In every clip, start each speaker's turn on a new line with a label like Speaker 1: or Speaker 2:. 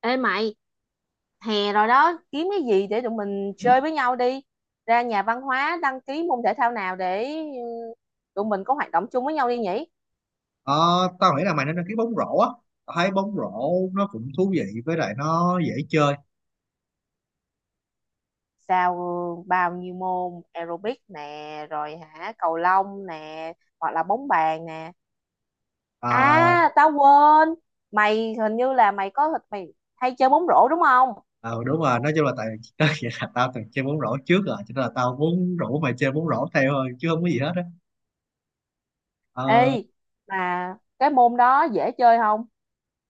Speaker 1: Ê mày, hè rồi đó, kiếm cái gì để tụi mình chơi với nhau đi. Ra nhà văn hóa đăng ký môn thể thao nào để tụi mình có hoạt động chung với nhau đi nhỉ?
Speaker 2: Ờ, tao nghĩ là mày nên đăng ký bóng rổ á. Tao thấy bóng rổ nó cũng thú vị, với lại nó dễ chơi.
Speaker 1: Sao bao nhiêu môn aerobic nè, rồi hả cầu lông nè, hoặc là bóng bàn nè.
Speaker 2: À,
Speaker 1: À, tao quên. Mày hình như là mày hay chơi bóng rổ đúng không?
Speaker 2: ờ, đúng rồi, nói chung là tại đó, vậy là tao từng chơi bóng rổ trước rồi, cho nên là tao muốn rủ mày chơi bóng rổ theo thôi, chứ không có gì hết á. Ờ,
Speaker 1: Ê, mà cái môn đó dễ chơi không?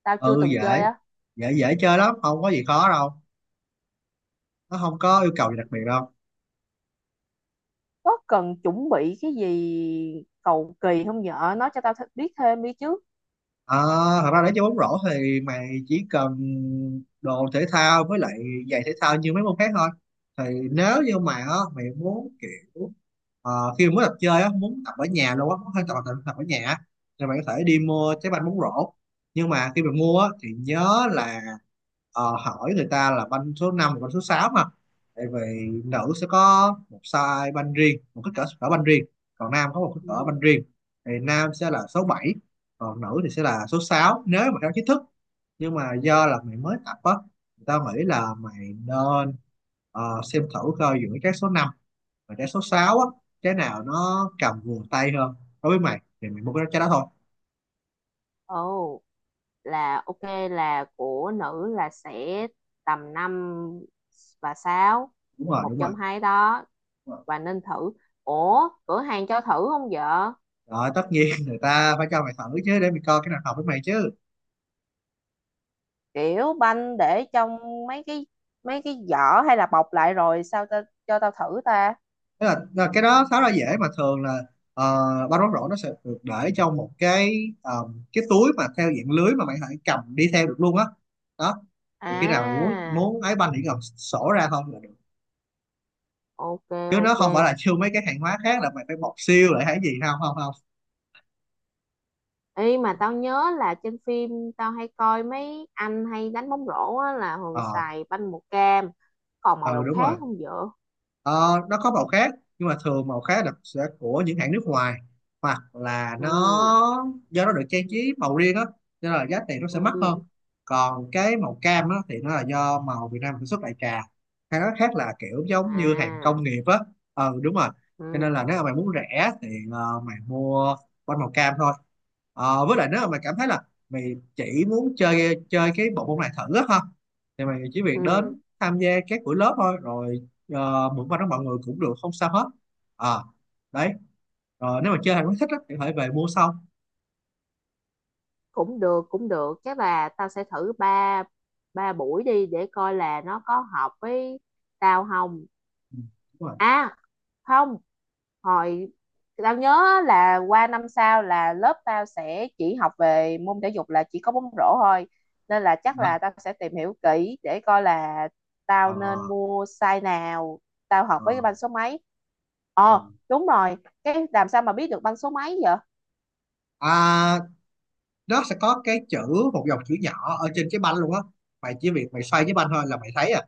Speaker 1: Tao chưa
Speaker 2: ừ,
Speaker 1: từng chơi
Speaker 2: dễ
Speaker 1: á.
Speaker 2: dễ dễ chơi lắm, không có gì khó đâu, nó không có yêu cầu gì đặc biệt đâu.
Speaker 1: Có cần chuẩn bị cái gì cầu kỳ không vợ, nói cho tao biết thêm đi chứ.
Speaker 2: Ờ, thật ra để chơi bóng rổ thì mày chỉ cần đồ thể thao, với lại giày thể thao như mấy môn khác thôi. Thì nếu như mà á, mày muốn kiểu khi mới tập chơi á, muốn tập ở nhà luôn á, muốn hơi tập tập ở nhà á, thì mày có thể đi mua trái banh bóng rổ. Nhưng mà khi mày mua á, thì nhớ là hỏi người ta là banh số 5 và banh số 6 mà. Tại vì nữ sẽ có một size banh riêng, một cỡ banh riêng, còn nam có một kích cỡ
Speaker 1: Ừ.
Speaker 2: banh riêng. Thì nam sẽ là số 7, còn nữ thì sẽ là số 6 nếu mà theo chính thức. Nhưng mà do là mày mới tập á, thì tao nghĩ là mày nên xem thử coi giữa trái số 5 và trái số 6 á, trái nào nó cầm vừa tay hơn đối với mày, thì mày mua cái trái đó thôi.
Speaker 1: Ồ, là ok, là của nữ là sẽ tầm 5 và 6,
Speaker 2: Đúng rồi,
Speaker 1: một
Speaker 2: đúng rồi.
Speaker 1: trong hai đó,
Speaker 2: Đúng rồi.
Speaker 1: và nên thử. Ủa, cửa hàng cho thử không vợ?
Speaker 2: Rồi, tất nhiên người ta phải cho mày thử chứ, để mày coi cái nào hợp với mày chứ.
Speaker 1: Kiểu banh để trong mấy cái mấy cái giỏ hay là bọc lại rồi sao ta, cho tao thử ta.
Speaker 2: Tức là cái đó khá là dễ, mà thường là ba rón rổ nó sẽ được để trong một cái cái túi mà theo dạng lưới, mà mày phải cầm đi theo được luôn á, đó. Thì khi nào muốn
Speaker 1: À,
Speaker 2: muốn ấy banh chỉ cần sổ ra không là được,
Speaker 1: ok
Speaker 2: chứ nó
Speaker 1: ok.
Speaker 2: không phải là siêu mấy cái hàng hóa khác, là mày phải bọc siêu lại hay gì. Không, không, không.
Speaker 1: Ê, mà tao nhớ là trên phim tao hay coi mấy anh hay đánh bóng rổ á, là thường
Speaker 2: Ờ.
Speaker 1: xài banh màu cam, còn màu
Speaker 2: Ừ,
Speaker 1: nào
Speaker 2: đúng rồi.
Speaker 1: khác không vợ?
Speaker 2: Ờ, nó có màu khác, nhưng mà thường màu khác là sẽ của những hãng nước ngoài, hoặc là nó
Speaker 1: Ừ,
Speaker 2: do nó được trang trí màu riêng á, nên là giá tiền nó sẽ mắc hơn.
Speaker 1: ừ,
Speaker 2: Còn cái màu cam á thì nó là do màu Việt Nam sản xuất đại trà, hay nói khác là kiểu giống như hàng
Speaker 1: à,
Speaker 2: công nghiệp á. Ừ, đúng rồi. Cho nên là
Speaker 1: ừ,
Speaker 2: nếu mà mày muốn rẻ thì mày mua bánh màu cam thôi. Ờ, với lại nếu mà mày cảm thấy là mày chỉ muốn chơi chơi cái bộ môn này thử á ha, thì mày chỉ việc
Speaker 1: ừ,
Speaker 2: đến tham gia các buổi lớp thôi. Rồi mượn qua đó mọi người cũng được, không sao hết. À, đấy. Ờ, nếu mà chơi hàng quá thích á, thì có thể về mua sau.
Speaker 1: cũng được, cũng được, chắc là tao sẽ thử ba ba buổi đi để coi là nó có hợp với tao không.
Speaker 2: Ừ, đúng rồi.
Speaker 1: À, không, hồi tao nhớ á, là qua năm sau là lớp tao sẽ chỉ học về môn thể dục là chỉ có bóng rổ thôi, nên là chắc
Speaker 2: Đó.
Speaker 1: là tao sẽ tìm hiểu kỹ để coi là
Speaker 2: Ờ,
Speaker 1: tao nên mua size nào, tao học
Speaker 2: ờ,
Speaker 1: với cái banh số mấy.
Speaker 2: ờ.
Speaker 1: Đúng rồi. Cái làm sao mà biết được banh số mấy vậy?
Speaker 2: À, nó sẽ có cái chữ, một dòng chữ nhỏ ở trên cái banh luôn á, mày chỉ việc mày xoay cái banh thôi là mày thấy à.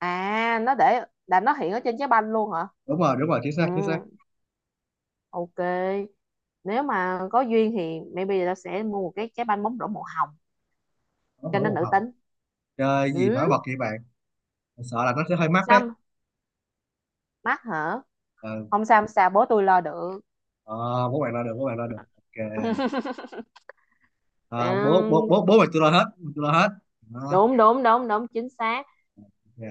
Speaker 1: À, nó để là nó hiện ở trên trái banh luôn hả?
Speaker 2: Đúng rồi, đúng rồi, chính
Speaker 1: Ừ,
Speaker 2: xác, chính xác.
Speaker 1: ok. Nếu mà có duyên thì maybe tao sẽ mua một cái trái banh bóng rổ màu hồng
Speaker 2: Nó
Speaker 1: cho
Speaker 2: nổi
Speaker 1: nên
Speaker 2: một
Speaker 1: nữ
Speaker 2: hồng.
Speaker 1: tính.
Speaker 2: Chơi gì nổi
Speaker 1: Ừ,
Speaker 2: bật vậy bạn? Sợ là nó sẽ hơi mắc đấy.
Speaker 1: xăm mắt hả?
Speaker 2: Ừ.
Speaker 1: Không sao, không sao, bố tôi lo được.
Speaker 2: Ờ, bố bạn lo được, bố bạn lo được, ok. Ờ, bố
Speaker 1: À,
Speaker 2: bố bố bố mày tôi lo hết, tôi lo hết. Đó,
Speaker 1: đúng đúng đúng đúng, chính xác.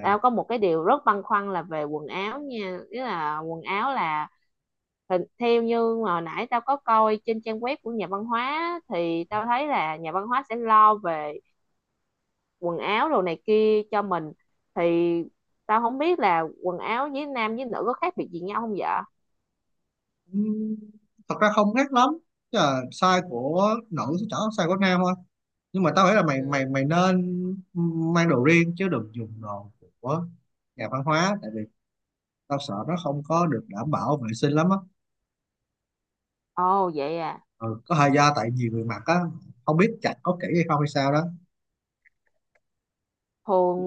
Speaker 1: Tao có một cái điều rất băn khoăn là về quần áo nha, ý là quần áo là theo như mà hồi nãy tao có coi trên trang web của nhà văn hóa á, thì tao thấy là nhà văn hóa sẽ lo về quần áo đồ này kia cho mình, thì tao không biết là quần áo với nam với nữ có khác biệt gì nhau không vậy.
Speaker 2: Ừm, thật ra không khác lắm. Chứ là size của nữ sẽ chẳng có size của nam thôi, nhưng mà tao nghĩ là mày
Speaker 1: Ừ.
Speaker 2: mày mày nên mang đồ riêng, chứ đừng dùng đồ của nhà văn hóa. Tại vì tao sợ nó không có được đảm bảo vệ sinh lắm á.
Speaker 1: Ồ vậy à?
Speaker 2: Ừ, có thời gian tại nhiều người mặc á, không biết chặt có kỹ hay không hay sao đó.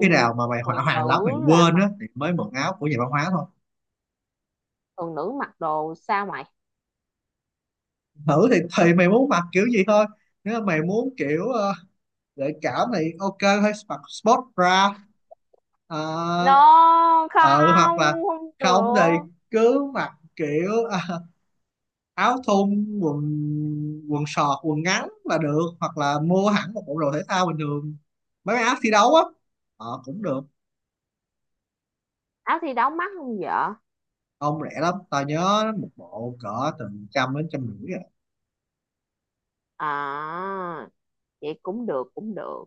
Speaker 2: Khi nào mà mày hỏa
Speaker 1: thường
Speaker 2: hoàng lắm mày
Speaker 1: nữ là
Speaker 2: quên á,
Speaker 1: mặc
Speaker 2: thì mới mượn áo của nhà văn hóa thôi.
Speaker 1: thường nữ mặc đồ sao mày?
Speaker 2: Thử thì mày muốn mặc kiểu gì thôi. Nếu mà mày muốn kiểu gợi cảm thì ok, hay mặc sport bra. Ờ,
Speaker 1: No,
Speaker 2: ờ, hoặc là
Speaker 1: không, không
Speaker 2: không thì
Speaker 1: được.
Speaker 2: cứ mặc kiểu áo thun, quần quần sọt, quần ngắn là được, hoặc là mua hẳn một bộ đồ thể thao bình thường, mấy cái áo thi đấu á, ờ, cũng được.
Speaker 1: Áo thi đấu mắc không vợ?
Speaker 2: Không, rẻ lắm, tao nhớ một bộ cỡ từ trăm đến trăm rưỡi rồi.
Speaker 1: À, vậy cũng được, cũng được.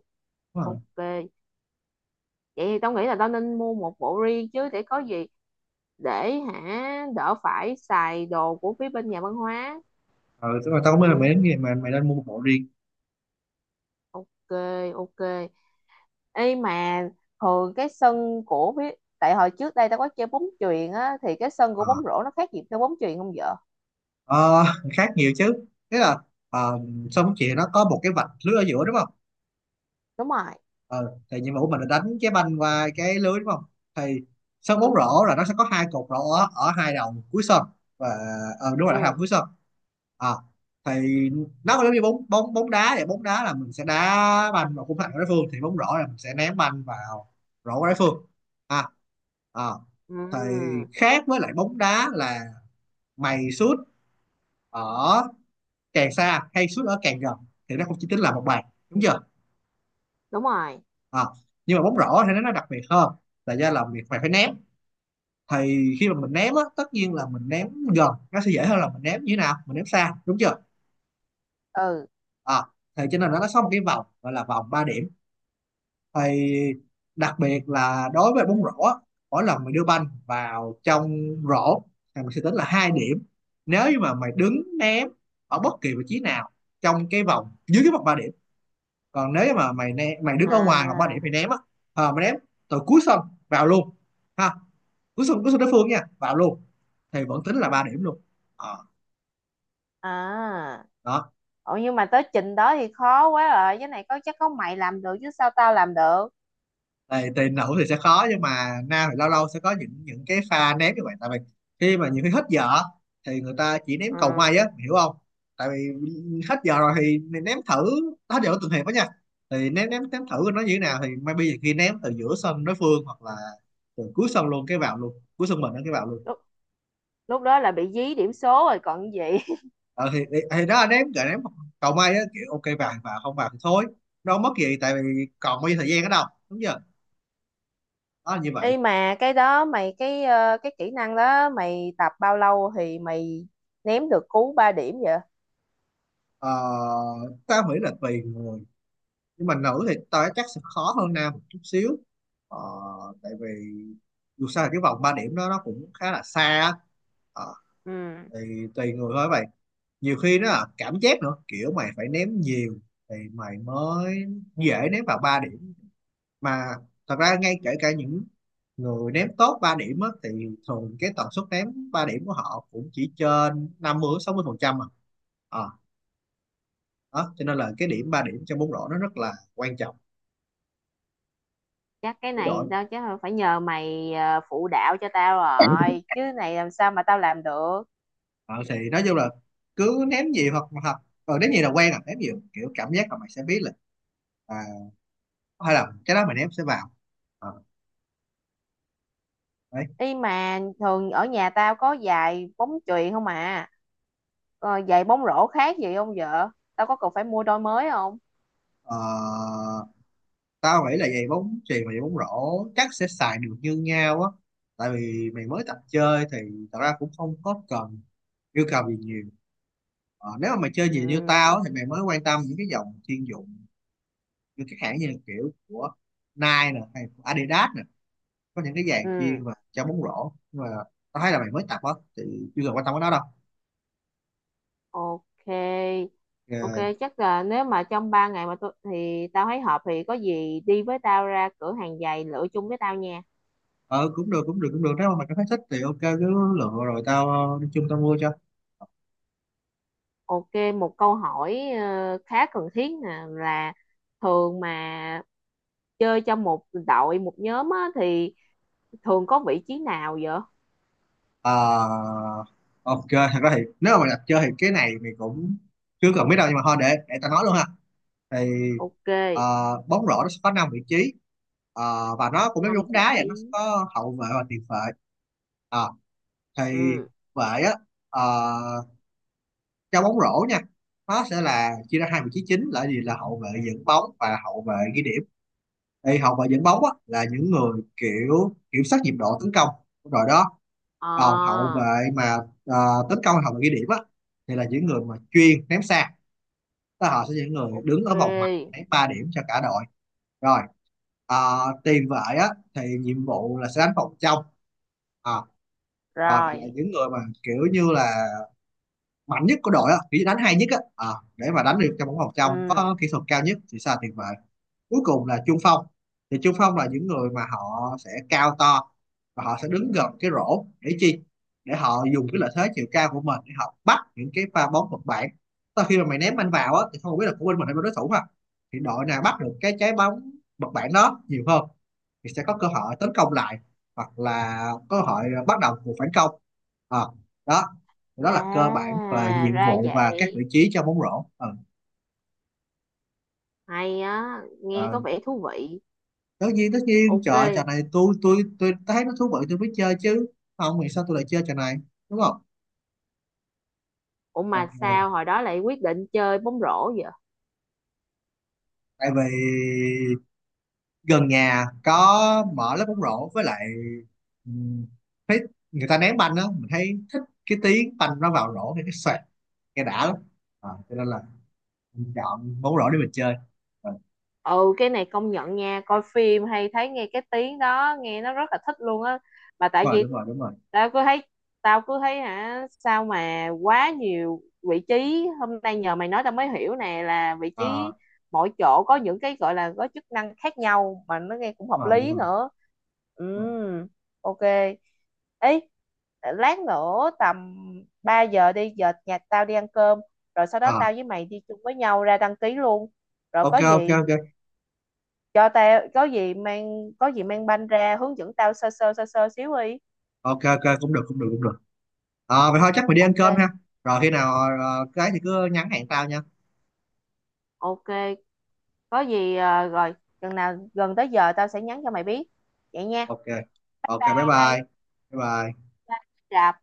Speaker 2: Đúng
Speaker 1: Ok
Speaker 2: rồi.
Speaker 1: vậy thì tao nghĩ là tao nên mua một bộ riêng chứ, để có gì để hả đỡ phải xài đồ của phía bên nhà văn hóa.
Speaker 2: Ừ, tức là tao mới là mày
Speaker 1: Ừ,
Speaker 2: đến gì mà mày nên mua một bộ riêng.
Speaker 1: ok ok. Ê mà thường cái sân của tại hồi trước đây tao có chơi bóng chuyền á, thì cái sân của
Speaker 2: Ờ.
Speaker 1: bóng rổ nó khác gì chơi bóng chuyền không vợ?
Speaker 2: Ờ, khác nhiều chứ. Thế là ờ, xong chị nó có một cái vạch lưới ở giữa, đúng không?
Speaker 1: Đúng rồi.
Speaker 2: Ờ, thì nhiệm vụ mình là đánh cái banh qua cái lưới, đúng không? Thì sân bóng
Speaker 1: Đúng.
Speaker 2: rổ là nó sẽ có hai cột rổ ở, hai đầu cuối sân. Và ờ, đúng rồi, là hai đầu
Speaker 1: Ừ.
Speaker 2: cuối sân. À, thì nó giống như bóng bóng bóng đá vậy, bóng đá là mình sẽ đá banh vào khung thành của đối phương, thì bóng rổ là mình sẽ ném banh vào rổ của đối phương. À, à,
Speaker 1: Ừ.
Speaker 2: thì khác với lại bóng đá là mày sút ở càng xa hay sút ở càng gần, thì nó không chỉ tính là một bàn, đúng chưa?
Speaker 1: Đúng rồi.
Speaker 2: À, nhưng mà bóng rổ thì nó đặc biệt hơn, là do là việc mày phải ném. Thì khi mà mình ném á, tất nhiên là mình ném gần nó sẽ dễ hơn là mình ném như thế nào mình ném xa, đúng chưa?
Speaker 1: Ừ.
Speaker 2: À, thì cho nên nó có một cái vòng gọi là vòng 3 điểm. Thì đặc biệt là đối với bóng rổ á, mỗi lần mày đưa banh vào trong rổ thì mình sẽ tính là 2 điểm, nếu như mà mày đứng ném ở bất kỳ vị trí nào trong cái vòng, dưới cái vòng 3 điểm. Còn nếu mà mày mày đứng ở ngoài hoặc 3 điểm
Speaker 1: À.
Speaker 2: mày ném á, ờ mày ném từ cuối sân vào luôn ha, cuối sân, cuối sân đối phương nha, vào luôn, thì vẫn tính là 3 điểm luôn. Ờ,
Speaker 1: À.
Speaker 2: đó.
Speaker 1: Ủa nhưng mà tới trình đó thì khó quá rồi. Cái này có chắc có mày làm được chứ sao tao làm được.
Speaker 2: Thì nữ thì sẽ khó, nhưng mà nam thì lâu lâu sẽ có những cái pha ném như vậy. Tại vì khi mà nhiều khi hết giờ thì người ta chỉ ném cầu
Speaker 1: Ừ.
Speaker 2: may á, hiểu không? Tại vì hết giờ rồi thì ném thử, hết giờ của từng hiệp đó nha, thì ném ném ném thử nó như thế nào, thì maybe khi ném từ giữa sân đối phương hoặc là từ cuối sân luôn cái vào luôn, cuối sân mình nó cái vào luôn.
Speaker 1: Lúc, lúc đó là bị dí điểm số rồi còn gì.
Speaker 2: Ờ, thì đó anh em gợi ném cầu may á, kiểu ok vàng và không vàng thì thôi, nó không mất gì, tại vì còn bao nhiêu thời gian ở đâu, đúng chưa? Đó là như vậy.
Speaker 1: Ê, mà cái đó mày cái kỹ năng đó mày tập bao lâu thì mày ném được cú 3 điểm vậy?
Speaker 2: Ờ, tao nghĩ là tùy người, nhưng mà nữ thì tao chắc sẽ khó hơn nam một chút xíu. Ờ, tại vì dù sao là cái vòng 3 điểm đó nó cũng khá là xa á. Ờ,
Speaker 1: Ừ.
Speaker 2: thì tùy người thôi vậy, nhiều khi nó là cảm giác nữa, kiểu mày phải ném nhiều thì mày mới dễ ném vào 3 điểm mà. Thật ra ngay kể cả những người ném tốt 3 điểm á, thì thường cái tần suất ném 3 điểm của họ cũng chỉ trên 50-60% mà. À, ờ, đó cho nên là cái điểm 3 điểm trong bóng rổ nó rất là quan trọng,
Speaker 1: Chắc cái
Speaker 2: để đội.
Speaker 1: này tao chắc là phải nhờ mày phụ đạo cho tao rồi chứ này, làm sao mà tao làm được.
Speaker 2: Ờ, thì nói chung là cứ ném gì, hoặc hoặc ờ, ném gì là quen à, ném gì, kiểu cảm giác là mày sẽ biết là à, hay là cái đó mày ném sẽ vào. Ờ, đấy.
Speaker 1: Ý mà thường ở nhà tao có giày bóng chuyền không à? Ờ, giày bóng rổ khác gì không vợ? Tao có cần phải mua đôi mới không?
Speaker 2: Ờ, tao nghĩ là giày bóng chuyền và giày bóng rổ chắc sẽ xài được như nhau á. Tại vì mày mới tập chơi thì thật ra cũng không có cần yêu cầu gì nhiều. Ờ, nếu mà mày chơi gì như tao
Speaker 1: Ừ,
Speaker 2: á, thì mày mới quan tâm những cái dòng chuyên dụng, như các hãng như kiểu của Nike nè, hay của Adidas nè, có những cái giày
Speaker 1: ừ,
Speaker 2: chuyên và cho bóng rổ. Nhưng mà tao thấy là mày mới tập á, thì chưa cần quan tâm đến nó đâu.
Speaker 1: ok ok.
Speaker 2: Ờ.
Speaker 1: Chắc là nếu mà trong 3 ngày mà tôi thì tao thấy hợp thì có gì đi với tao ra cửa hàng giày lựa chung với tao nha.
Speaker 2: Ờ, cũng được, cũng được, cũng được, nếu mà mày cảm thấy thích thì ok, cứ lựa rồi tao đi chung tao mua cho.
Speaker 1: Ok, một câu hỏi khá cần thiết nè, là thường mà chơi trong một đội một nhóm á, thì thường có vị trí nào vậy?
Speaker 2: Ờ, ok. Thật ra thì nếu mà mày đặt chơi thì cái này mình cũng chưa cần biết đâu, nhưng mà thôi để ta nói luôn ha. Thì
Speaker 1: Ok,
Speaker 2: ờ, bóng rổ nó sẽ có năm vị trí. Ờ, và nó cũng giống như
Speaker 1: năm
Speaker 2: bóng
Speaker 1: vị
Speaker 2: đá vậy, nó sẽ
Speaker 1: trí
Speaker 2: có hậu vệ và tiền vệ. Ờ, thì
Speaker 1: Ừ.
Speaker 2: vệ á, ờ, trong bóng rổ nha, nó sẽ là chia ra hai vị trí chính, là gì, là hậu vệ dẫn bóng và hậu vệ ghi điểm. Thì hậu vệ dẫn bóng á, là những người kiểu kiểm soát nhịp độ tấn công, rồi đó. Còn hậu
Speaker 1: À,
Speaker 2: vệ mà ờ, tấn công, hậu vệ ghi điểm á, thì là những người mà chuyên ném xa, tức là họ sẽ là những người đứng ở vòng ngoài
Speaker 1: ok,
Speaker 2: ném 3 điểm cho cả đội. Rồi tiền vệ á thì nhiệm vụ là sẽ đánh vòng trong. À, rồi, và là
Speaker 1: rồi.
Speaker 2: những người mà kiểu như là mạnh nhất của đội á, kiểu như đánh hay nhất á. Ờ, để mà đánh được cho bóng vòng trong
Speaker 1: Ừ.
Speaker 2: có kỹ thuật cao nhất, thì sẽ là tiền vệ. Cuối cùng là trung phong. Thì trung phong là những người mà họ sẽ cao to, và họ sẽ đứng gần cái rổ để chi, để họ dùng cái lợi thế chiều cao của mình để họ bắt những cái pha bóng vật bản. Sau khi mà mày ném anh vào á, thì không biết là của bên mình hay bên đối thủ mà, thì đội nào bắt được cái trái bóng vật bản đó nhiều hơn, thì sẽ có cơ hội tấn công lại, hoặc là cơ hội bắt đầu cuộc phản công. Ờ, đó, đó là cơ bản và
Speaker 1: À
Speaker 2: nhiệm
Speaker 1: ra
Speaker 2: vụ và các
Speaker 1: vậy,
Speaker 2: vị trí trong bóng rổ. Ờ,
Speaker 1: hay á, nghe có
Speaker 2: ờ,
Speaker 1: vẻ thú vị.
Speaker 2: tất nhiên, tất nhiên, trời
Speaker 1: Ok.
Speaker 2: ơi, trò này tôi thấy nó thú vị tôi mới chơi chứ, không thì sao tôi lại chơi trò này, đúng không?
Speaker 1: Ủa mà
Speaker 2: Ok,
Speaker 1: sao hồi đó lại quyết định chơi bóng rổ vậy?
Speaker 2: tại vì gần nhà có mở lớp bóng rổ, với lại ừm, thấy người ta ném banh á, mình thấy thích cái tiếng banh nó vào rổ thì cái xoẹt, nghe đã lắm. À, cho nên là mình chọn bóng rổ để mình chơi. Ờ,
Speaker 1: Ừ, cái này công nhận nha, coi phim hay thấy nghe cái tiếng đó nghe nó rất là thích luôn á. Mà
Speaker 2: đúng
Speaker 1: tại
Speaker 2: rồi, đúng
Speaker 1: vì
Speaker 2: rồi, đúng rồi.
Speaker 1: tao cứ thấy tao cứ thấy hả sao mà quá nhiều vị trí. Hôm nay nhờ mày nói tao mới hiểu nè, là vị
Speaker 2: Ờ,
Speaker 1: trí mỗi chỗ có những cái gọi là có chức năng khác nhau mà nó nghe cũng hợp
Speaker 2: đúng rồi, đúng
Speaker 1: lý
Speaker 2: rồi,
Speaker 1: nữa. Ừ,
Speaker 2: đúng rồi.
Speaker 1: ok. Ấy, lát nữa tầm 3 giờ đi, giờ nhà tao đi ăn cơm, rồi sau đó
Speaker 2: À,
Speaker 1: tao với mày đi chung với nhau ra đăng ký luôn. Rồi có
Speaker 2: ok, ok,
Speaker 1: gì
Speaker 2: ok.
Speaker 1: cho tao có gì mang banh ra hướng dẫn tao sơ sơ sơ sơ xíu đi.
Speaker 2: Ok, ok, cũng được, cũng được, cũng được. Ờ, vậy thôi, chắc mình đi ăn
Speaker 1: Ok
Speaker 2: cơm ha. Rồi khi nào cái thì cứ nhắn hẹn tao nha.
Speaker 1: ok. Có gì à, rồi chừng nào gần tới giờ tao sẽ nhắn cho mày biết, vậy nha.
Speaker 2: Ok. Ok, bye bye.
Speaker 1: Bye.
Speaker 2: Bye bye.
Speaker 1: Bye. Rạp.